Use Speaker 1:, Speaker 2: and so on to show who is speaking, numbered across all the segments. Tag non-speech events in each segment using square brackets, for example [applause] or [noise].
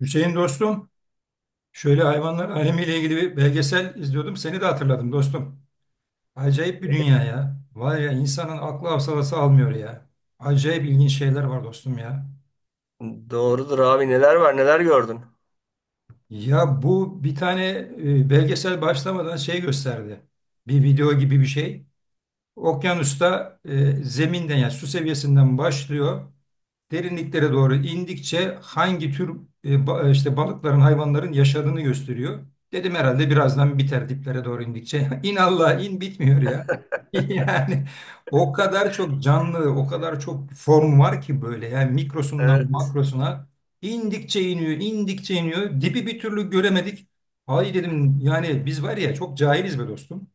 Speaker 1: Hüseyin dostum, şöyle hayvanlar alemiyle ilgili bir belgesel izliyordum. Seni de hatırladım dostum. Acayip bir dünya ya. Var ya insanın aklı hafsalası almıyor ya. Acayip ilginç şeyler var dostum ya.
Speaker 2: Doğrudur abi, neler var, neler gördün.
Speaker 1: Ya bu bir tane belgesel başlamadan şey gösterdi. Bir video gibi bir şey. Okyanusta zeminden yani su seviyesinden başlıyor. Derinliklere doğru indikçe hangi tür işte balıkların, hayvanların yaşadığını gösteriyor. Dedim herhalde birazdan biter diplere doğru indikçe. [laughs] İn Allah in bitmiyor ya. [laughs] Yani o kadar çok canlı, o kadar çok form var ki böyle yani mikrosundan
Speaker 2: Evet.
Speaker 1: makrosuna indikçe iniyor, indikçe iniyor. Dibi bir türlü göremedik. Ay dedim yani biz var ya çok cahiliz be dostum.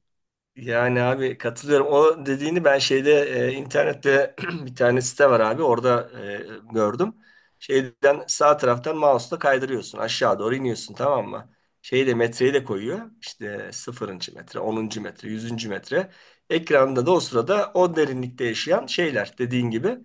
Speaker 2: Yani abi katılıyorum. O dediğini ben şeyde internette [clears throat] bir tane site var abi. Orada gördüm. Şeyden sağ taraftan mouse'la kaydırıyorsun. Aşağı doğru iniyorsun, tamam mı? Şeyi de metreyi de koyuyor. İşte 0. metre, 10. metre, 100. metre. Ekranda da o sırada o derinlikte yaşayan şeyler, dediğin gibi.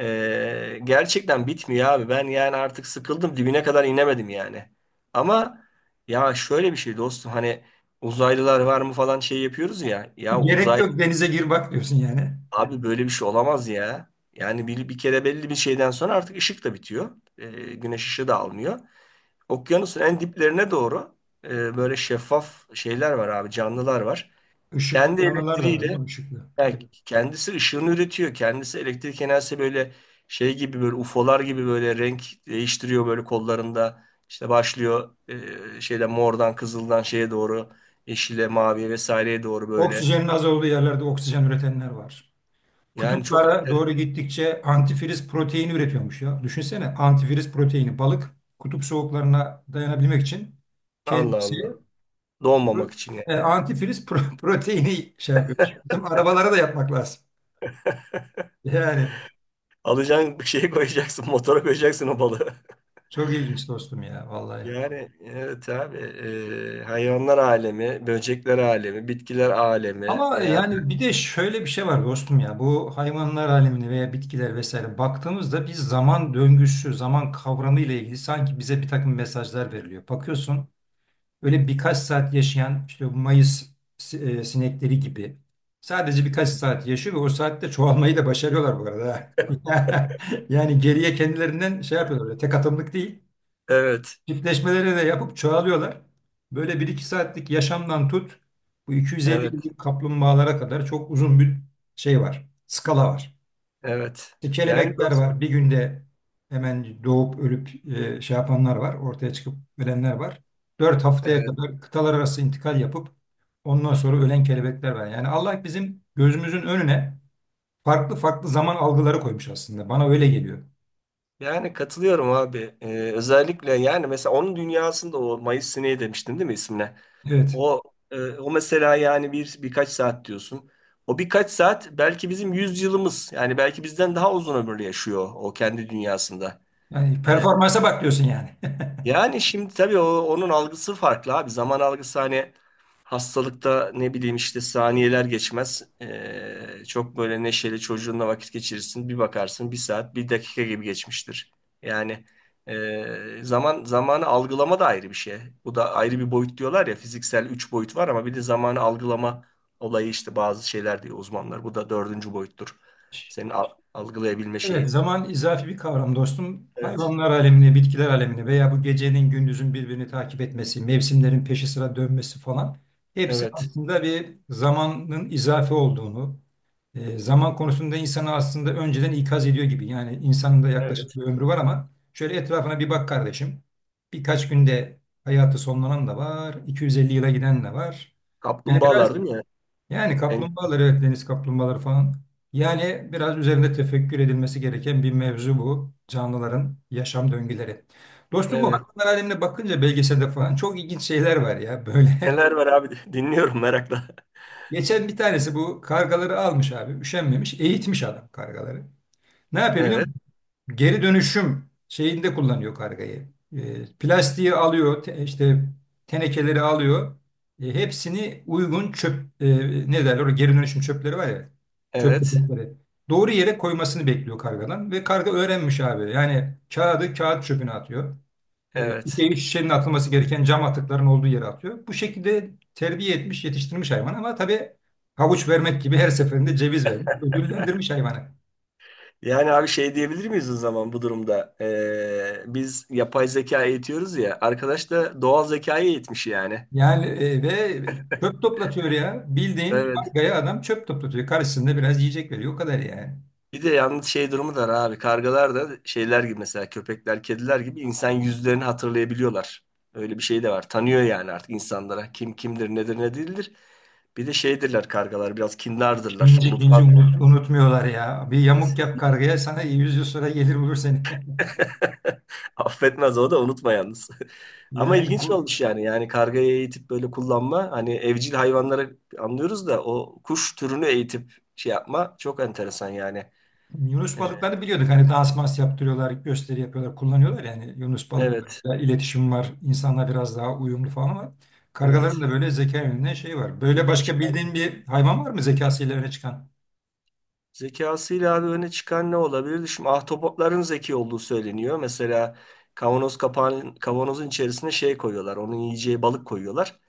Speaker 2: Gerçekten bitmiyor abi. Ben yani artık sıkıldım. Dibine kadar inemedim yani. Ama ya şöyle bir şey dostum, hani uzaylılar var mı falan şey yapıyoruz ya. Ya
Speaker 1: Gerek
Speaker 2: uzay
Speaker 1: yok denize gir bak diyorsun yani.
Speaker 2: abi, böyle bir şey olamaz ya. Yani bir kere belli bir şeyden sonra artık ışık da bitiyor. Güneş ışığı da almıyor. Okyanusun en diplerine doğru böyle şeffaf şeyler var abi, canlılar var.
Speaker 1: Işıklı
Speaker 2: Kendi
Speaker 1: canlılar da var değil
Speaker 2: elektriğiyle,
Speaker 1: mi? Işıklı. Evet.
Speaker 2: yani kendisi ışığını üretiyor. Kendisi elektrik enerjisi böyle şey gibi, böyle UFO'lar gibi böyle renk değiştiriyor böyle kollarında. İşte başlıyor şeyden, mordan, kızıldan şeye doğru, yeşile, maviye vesaireye doğru böyle.
Speaker 1: Oksijenin az olduğu yerlerde oksijen üretenler var.
Speaker 2: Yani çok
Speaker 1: Kutuplara
Speaker 2: enter.
Speaker 1: doğru gittikçe antifriz proteini üretiyormuş ya. Düşünsene antifriz proteini balık kutup soğuklarına dayanabilmek için
Speaker 2: Allah
Speaker 1: kendisi
Speaker 2: Allah.
Speaker 1: bu,
Speaker 2: Donmamak için yani.
Speaker 1: antifriz [laughs] proteini şey yapıyormuş. Bizim arabalara da yapmak lazım. Yani
Speaker 2: Alacaksın, bir şeye koyacaksın. Motora koyacaksın o balığı. [laughs]
Speaker 1: çok ilginç dostum ya vallahi.
Speaker 2: Yani evet abi. Hayvanlar alemi, böcekler alemi, bitkiler alemi.
Speaker 1: Ama
Speaker 2: Yani
Speaker 1: yani bir de şöyle bir şey var dostum ya bu hayvanlar alemine veya bitkiler vesaire baktığımızda biz zaman döngüsü, zaman kavramı ile ilgili sanki bize bir takım mesajlar veriliyor. Bakıyorsun öyle birkaç saat yaşayan işte bu Mayıs sinekleri gibi sadece birkaç saat yaşıyor ve o saatte çoğalmayı da başarıyorlar bu arada. Ha. [laughs] Yani geriye kendilerinden şey yapıyorlar öyle tek atımlık değil.
Speaker 2: evet.
Speaker 1: Çiftleşmeleri de yapıp çoğalıyorlar. Böyle bir iki saatlik yaşamdan tut bu 250
Speaker 2: Evet.
Speaker 1: yıllık kaplumbağalara kadar çok uzun bir şey var. Skala var.
Speaker 2: Evet.
Speaker 1: İşte
Speaker 2: Yani
Speaker 1: kelebekler var. Bir günde hemen doğup ölüp şey yapanlar var. Ortaya çıkıp ölenler var. 4 haftaya
Speaker 2: evet.
Speaker 1: kadar kıtalar arası intikal yapıp ondan sonra ölen kelebekler var. Yani Allah bizim gözümüzün önüne farklı farklı zaman algıları koymuş aslında. Bana öyle geliyor.
Speaker 2: Yani katılıyorum abi. Özellikle yani mesela onun dünyasında, o Mayıs sineği demiştin değil mi ismine?
Speaker 1: Evet.
Speaker 2: O o mesela yani birkaç saat diyorsun. O birkaç saat belki bizim yüz yılımız. Yani belki bizden daha uzun ömürlü yaşıyor o kendi dünyasında.
Speaker 1: Yani
Speaker 2: E,
Speaker 1: performansa bak diyorsun yani.
Speaker 2: yani şimdi tabii onun algısı farklı abi. Zaman algısı, hani hastalıkta ne bileyim işte saniyeler geçmez. Çok böyle neşeli çocuğunla vakit geçirirsin. Bir bakarsın bir saat bir dakika gibi geçmiştir. Yani zamanı algılama da ayrı bir şey. Bu da ayrı bir boyut diyorlar ya. Fiziksel üç boyut var ama bir de zamanı algılama olayı, işte bazı şeyler diyor uzmanlar. Bu da dördüncü boyuttur.
Speaker 1: [laughs]
Speaker 2: Senin algılayabilme
Speaker 1: Evet,
Speaker 2: şeyin.
Speaker 1: zaman izafi bir kavram dostum.
Speaker 2: Evet.
Speaker 1: Hayvanlar alemine, bitkiler alemine veya bu gecenin gündüzün birbirini takip etmesi, mevsimlerin peşi sıra dönmesi falan hepsi
Speaker 2: Evet.
Speaker 1: aslında bir zamanın izafi olduğunu, zaman konusunda insanı aslında önceden ikaz ediyor gibi. Yani insanın da yaklaşık
Speaker 2: Evet.
Speaker 1: bir ömrü var ama şöyle etrafına bir bak kardeşim. Birkaç günde hayatı sonlanan da var, 250 yıla giden de var. Yani
Speaker 2: Kaplumbağalar
Speaker 1: biraz
Speaker 2: değil mi ya?
Speaker 1: yani
Speaker 2: En
Speaker 1: kaplumbağalar evet deniz kaplumbağaları falan. Yani biraz üzerinde tefekkür edilmesi gereken bir mevzu bu. Canlıların yaşam döngüleri. Dostum bu
Speaker 2: Evet.
Speaker 1: hayvanlar alemine bakınca belgeselde falan çok ilginç şeyler var ya böyle.
Speaker 2: Neler var abi? [laughs] Dinliyorum merakla.
Speaker 1: [laughs] Geçen bir tanesi bu kargaları almış abi üşenmemiş eğitmiş adam kargaları. Ne yapıyor biliyor
Speaker 2: Evet.
Speaker 1: musun? Geri dönüşüm şeyinde kullanıyor kargayı. Plastiği alıyor, işte tenekeleri alıyor. Hepsini uygun çöp, ne derler o geri dönüşüm çöpleri var ya. Çöp
Speaker 2: Evet.
Speaker 1: kutuları. Doğru yere koymasını bekliyor kargadan ve karga öğrenmiş abi. Yani kağıdı kağıt çöpüne atıyor.
Speaker 2: Evet.
Speaker 1: Şişeyi şişenin atılması gereken cam atıkların olduğu yere atıyor. Bu şekilde terbiye etmiş, yetiştirmiş hayvan ama tabii havuç vermek gibi her seferinde ceviz vermiş, ödüllendirmiş hayvanı.
Speaker 2: Yani abi, şey diyebilir miyiz o zaman bu durumda? Biz yapay zeka eğitiyoruz ya. Arkadaş da doğal zekayı eğitmiş yani.
Speaker 1: Yani ve çöp toplatıyor ya. Bildiğin
Speaker 2: Evet.
Speaker 1: kargaya adam çöp toplatıyor. Karşısında biraz yiyecek veriyor. O kadar yani.
Speaker 2: Bir de yalnız şey durumu da var abi. Kargalar da şeyler gibi, mesela köpekler, kediler gibi, insan yüzlerini hatırlayabiliyorlar. Öyle bir şey de var. Tanıyor yani artık insanlara. Kim kimdir, nedir, ne değildir. Bir de şeydirler kargalar. Biraz kindardırlar.
Speaker 1: Binci binci
Speaker 2: Unutmaz
Speaker 1: unutmuyorlar ya. Bir
Speaker 2: yani.
Speaker 1: yamuk yap kargaya sana 100 yıl sonra gelir bulur seni. [laughs]
Speaker 2: [laughs] Affetmez o da, unutma yalnız. [laughs] Ama
Speaker 1: Yani
Speaker 2: ilginç
Speaker 1: bu
Speaker 2: olmuş yani. Yani kargayı eğitip böyle kullanma. Hani evcil hayvanlara anlıyoruz da o kuş türünü eğitip şey yapma çok enteresan yani.
Speaker 1: Yunus
Speaker 2: Ee,
Speaker 1: balıklarını biliyorduk. Hani dans mans yaptırıyorlar, gösteri yapıyorlar, kullanıyorlar. Yani Yunus
Speaker 2: evet.
Speaker 1: balıklarıyla iletişim var. İnsanla biraz daha uyumlu falan ama kargaların
Speaker 2: Evet.
Speaker 1: da böyle zeka yönünden şey var. Böyle başka bildiğin bir hayvan var mı zekasıyla öne çıkan?
Speaker 2: Zekasıyla abi öne çıkan ne olabilir? Şimdi ahtapotların zeki olduğu söyleniyor. Mesela kavanozun içerisine şey koyuyorlar. Onun yiyeceği balık koyuyorlar.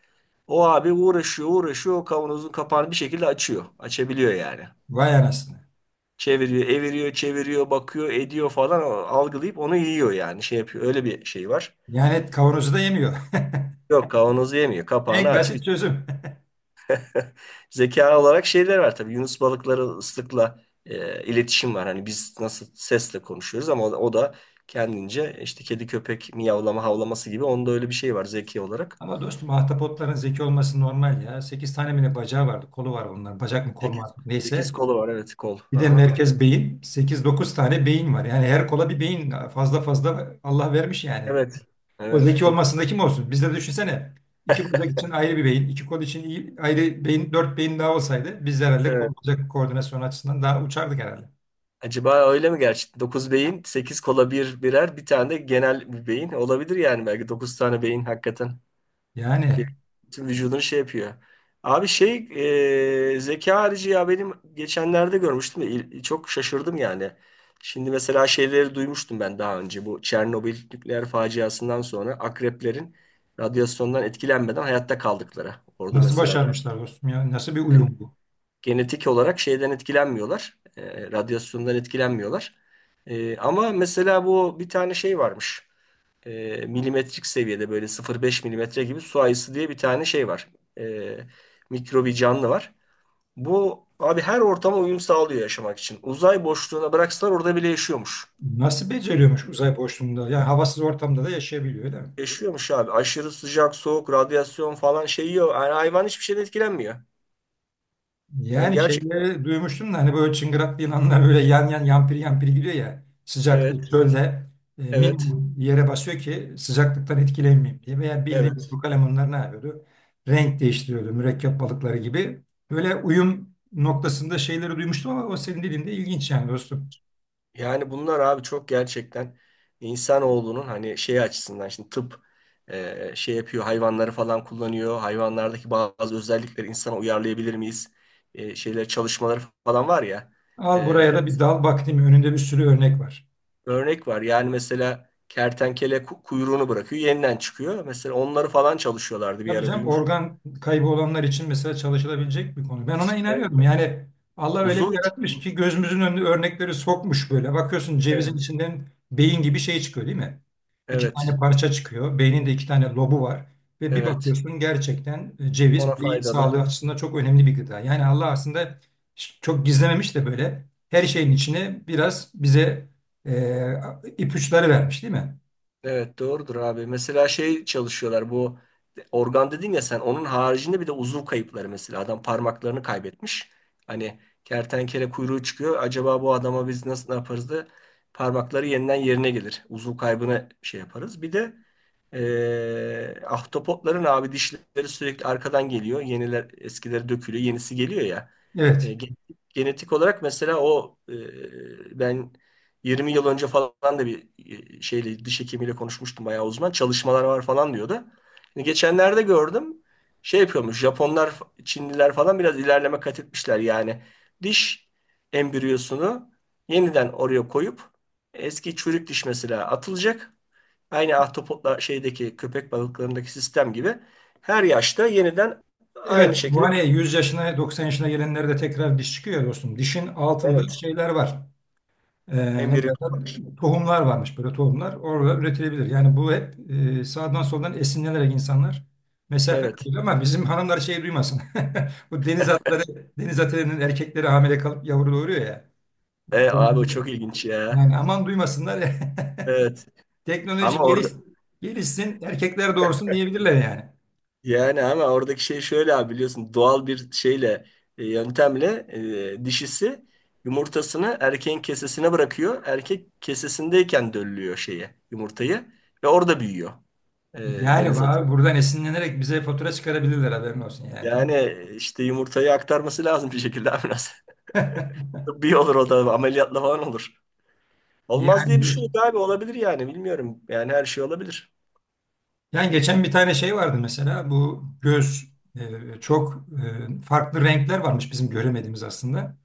Speaker 2: O abi uğraşıyor uğraşıyor, o kavanozun kapağını bir şekilde açıyor. Açabiliyor yani.
Speaker 1: Vay anasını.
Speaker 2: Çeviriyor, eviriyor, çeviriyor, bakıyor, ediyor falan, algılayıp onu yiyor yani. Şey yapıyor. Öyle bir şey var.
Speaker 1: Yani kavanozu da yemiyor.
Speaker 2: Yok, kavanozu yemiyor.
Speaker 1: [laughs]
Speaker 2: Kapağını
Speaker 1: En
Speaker 2: açıp
Speaker 1: basit çözüm.
Speaker 2: [laughs] zeka olarak şeyler var tabii. Yunus balıkları ıslıkla iletişim var. Hani biz nasıl sesle konuşuyoruz ama o da kendince, işte kedi köpek miyavlama havlaması gibi, onda öyle bir şey var zeki olarak.
Speaker 1: Ama dostum ahtapotların zeki olması normal ya. 8 tane mi ne bacağı vardı? Kolu var bunların. Bacak mı kol mu
Speaker 2: Sekiz,
Speaker 1: artık
Speaker 2: sekiz
Speaker 1: neyse.
Speaker 2: kolu var evet, kol.
Speaker 1: Bir de
Speaker 2: Aha.
Speaker 1: merkez beyin. Sekiz dokuz tane beyin var. Yani her kola bir beyin fazla fazla Allah vermiş yani.
Speaker 2: Evet.
Speaker 1: O
Speaker 2: Evet.
Speaker 1: zeki
Speaker 2: Dokuz.
Speaker 1: olmasında kim olsun? Bizde de düşünsene. İki bacak için ayrı bir beyin, iki kol için ayrı beyin, dört beyin daha olsaydı biz de herhalde kol bacak koordinasyonu açısından daha uçardık herhalde.
Speaker 2: Acaba öyle mi gerçekten? 9 beyin, 8 kola birer, bir tane de genel bir beyin. Olabilir yani, belki 9 tane beyin hakikaten. Ki
Speaker 1: Yani
Speaker 2: tüm vücudunu şey yapıyor. Abi şey, zeka harici ya, benim geçenlerde görmüştüm. Çok şaşırdım yani. Şimdi mesela şeyleri duymuştum ben daha önce. Bu Çernobil nükleer faciasından sonra akreplerin radyasyondan etkilenmeden hayatta kaldıkları. Orada
Speaker 1: nasıl
Speaker 2: mesela
Speaker 1: başarmışlar dostum ya? Nasıl bir uyum bu?
Speaker 2: genetik olarak şeyden etkilenmiyorlar. Radyasyondan etkilenmiyorlar. Ama mesela bu bir tane şey varmış. Milimetrik seviyede, böyle 0,5 milimetre gibi, su ayısı diye bir tane şey var. E, mikrobi canlı var. Bu abi her ortama uyum sağlıyor yaşamak için. Uzay boşluğuna bıraksalar orada bile yaşıyormuş.
Speaker 1: Nasıl beceriyormuş uzay boşluğunda? Yani havasız ortamda da yaşayabiliyor öyle mi?
Speaker 2: Yaşıyormuş abi. Aşırı sıcak, soğuk, radyasyon falan, şey yok. Yani hayvan hiçbir şeyden etkilenmiyor. Yani
Speaker 1: Yani
Speaker 2: gerçekten.
Speaker 1: şeyleri duymuştum da hani böyle çıngıraklı yılanlar böyle yan yan yampiri yampiri gidiyor ya sıcaklık
Speaker 2: Evet,
Speaker 1: çölde
Speaker 2: evet,
Speaker 1: minimum bir yere basıyor ki sıcaklıktan etkilenmeyeyim diye veya bildiğimiz
Speaker 2: evet.
Speaker 1: bu kalemunlar ne yapıyordu? Renk değiştiriyordu mürekkep balıkları gibi. Böyle uyum noktasında şeyleri duymuştum ama o senin dediğin de ilginç yani dostum.
Speaker 2: Yani bunlar abi çok gerçekten, insanoğlunun hani şey açısından, şimdi tıp şey yapıyor, hayvanları falan kullanıyor. Hayvanlardaki bazı özellikleri insana uyarlayabilir miyiz? Şeyler çalışmaları falan var ya.
Speaker 1: Al buraya
Speaker 2: E,
Speaker 1: da bir dal bak değil mi? Önünde bir sürü örnek var.
Speaker 2: örnek var yani, mesela kertenkele kuyruğunu bırakıyor, yeniden çıkıyor. Mesela onları falan çalışıyorlardı bir
Speaker 1: Tabii
Speaker 2: ara,
Speaker 1: canım
Speaker 2: duymuş.
Speaker 1: organ kaybı olanlar için mesela çalışılabilecek bir konu. Ben ona
Speaker 2: Evet.
Speaker 1: inanıyorum. Yani Allah öyle bir
Speaker 2: Uzuv için.
Speaker 1: yaratmış ki gözümüzün önüne örnekleri sokmuş böyle. Bakıyorsun cevizin
Speaker 2: Evet,
Speaker 1: içinden beyin gibi şey çıkıyor değil mi? İki tane
Speaker 2: evet,
Speaker 1: parça çıkıyor. Beynin de iki tane lobu var. Ve bir
Speaker 2: evet.
Speaker 1: bakıyorsun gerçekten
Speaker 2: Ona
Speaker 1: ceviz beyin sağlığı
Speaker 2: faydalı.
Speaker 1: açısından çok önemli bir gıda. Yani Allah aslında çok gizlememiş de böyle her şeyin içine biraz bize e, ipuçları vermiş değil mi?
Speaker 2: Evet, doğrudur abi. Mesela şey çalışıyorlar, bu organ dedin ya sen, onun haricinde bir de uzuv kayıpları, mesela adam parmaklarını kaybetmiş. Hani kertenkele kuyruğu çıkıyor. Acaba bu adama biz nasıl, ne yaparız da parmakları yeniden yerine gelir. Uzuv kaybına şey yaparız. Bir de ahtapotların abi dişleri sürekli arkadan geliyor. Yeniler, eskileri dökülüyor, yenisi geliyor ya. E,
Speaker 1: Evet.
Speaker 2: gen- genetik olarak mesela, o ben 20 yıl önce falan da bir şeyle, diş hekimiyle konuşmuştum, bayağı uzman. Çalışmalar var falan diyordu. Şimdi geçenlerde gördüm, şey yapıyormuş, Japonlar, Çinliler falan biraz ilerleme kat etmişler yani. Diş embriyosunu yeniden oraya koyup eski çürük diş mesela atılacak. Aynı ahtapotla şeydeki, köpek balıklarındaki sistem gibi, her yaşta yeniden aynı
Speaker 1: Evet, bu
Speaker 2: şekilde,
Speaker 1: hani 100 yaşına 90 yaşına gelenlerde tekrar diş çıkıyor ya dostum. Dişin altında
Speaker 2: evet,
Speaker 1: şeyler var. Ne
Speaker 2: embriyo.
Speaker 1: derler? Tohumlar varmış böyle tohumlar. Orada üretilebilir. Yani bu hep sağdan soldan esinlenerek insanlar mesafe
Speaker 2: Evet.
Speaker 1: kalıyor ama bizim hanımlar şey duymasın. [laughs] Bu deniz atları, deniz atlarının erkekleri hamile kalıp yavru doğuruyor ya.
Speaker 2: Abi o çok ilginç ya.
Speaker 1: Yani aman duymasınlar.
Speaker 2: Evet.
Speaker 1: [laughs]
Speaker 2: Ama
Speaker 1: Teknoloji geliş,
Speaker 2: orada
Speaker 1: gelişsin, erkekler doğursun diyebilirler yani.
Speaker 2: Yani ama oradaki şey şöyle abi, biliyorsun, doğal bir şeyle, yöntemle, dişisi yumurtasını erkeğin kesesine bırakıyor. Erkek kesesindeyken döllüyor şeye, yumurtayı ve orada büyüyor. E,
Speaker 1: Yani
Speaker 2: deniz
Speaker 1: abi
Speaker 2: atıyor.
Speaker 1: buradan esinlenerek bize fatura çıkarabilirler haberin olsun yani.
Speaker 2: Yani işte yumurtayı aktarması lazım bir şekilde abi, biraz. [laughs] Tıbbi olur o da, ameliyatla falan olur. Olmaz diye bir
Speaker 1: Yani,
Speaker 2: şey yok abi, olabilir yani, bilmiyorum. Yani her şey olabilir.
Speaker 1: yani geçen bir tane şey vardı mesela bu göz çok farklı renkler varmış bizim göremediğimiz aslında.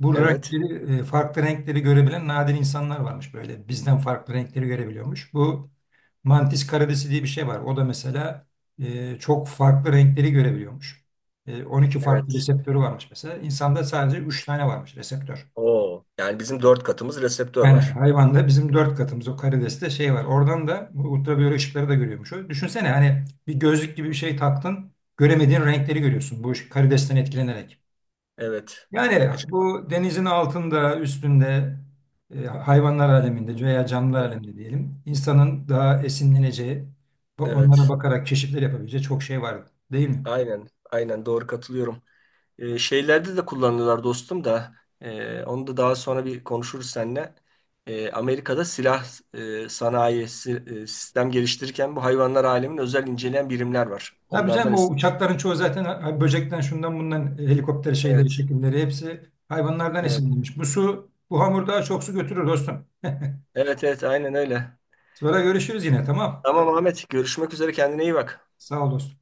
Speaker 1: Bu
Speaker 2: Evet.
Speaker 1: renkleri farklı renkleri görebilen nadir insanlar varmış böyle bizden farklı renkleri görebiliyormuş. Bu mantis karidesi diye bir şey var. O da mesela çok farklı renkleri görebiliyormuş. 12 farklı
Speaker 2: Evet.
Speaker 1: reseptörü varmış mesela. İnsanda sadece 3 tane varmış reseptör.
Speaker 2: Oo. Yani bizim dört katımız reseptör
Speaker 1: Yani
Speaker 2: var.
Speaker 1: hayvanda bizim dört katımız o karideste şey var. Oradan da bu ultraviyole ışıkları da görüyormuş. O. Düşünsene hani bir gözlük gibi bir şey taktın. Göremediğin renkleri görüyorsun bu karidesten etkilenerek.
Speaker 2: Evet.
Speaker 1: Yani bu denizin altında, üstünde, hayvanlar aleminde veya canlılar aleminde diyelim. İnsanın daha esinleneceği, onlara
Speaker 2: Evet.
Speaker 1: bakarak keşifler yapabileceği çok şey var değil mi?
Speaker 2: Aynen, aynen, doğru, katılıyorum. Şeylerde de kullanıyorlar dostum da onu da daha sonra bir konuşuruz seninle. Amerika'da silah sanayi sistem geliştirirken, bu hayvanlar alemin özel inceleyen birimler var.
Speaker 1: Tabii
Speaker 2: Onlardan
Speaker 1: canım o uçakların çoğu zaten böcekten şundan bundan helikopter şeyleri
Speaker 2: evet,
Speaker 1: şekilleri hepsi hayvanlardan
Speaker 2: evet,
Speaker 1: esinlenmiş. Bu su bu hamur daha çok su götürür dostum. [laughs]
Speaker 2: evet, evet, aynen öyle.
Speaker 1: Sonra görüşürüz yine tamam.
Speaker 2: Tamam Ahmet, görüşmek üzere, kendine iyi bak.
Speaker 1: Sağ ol dostum.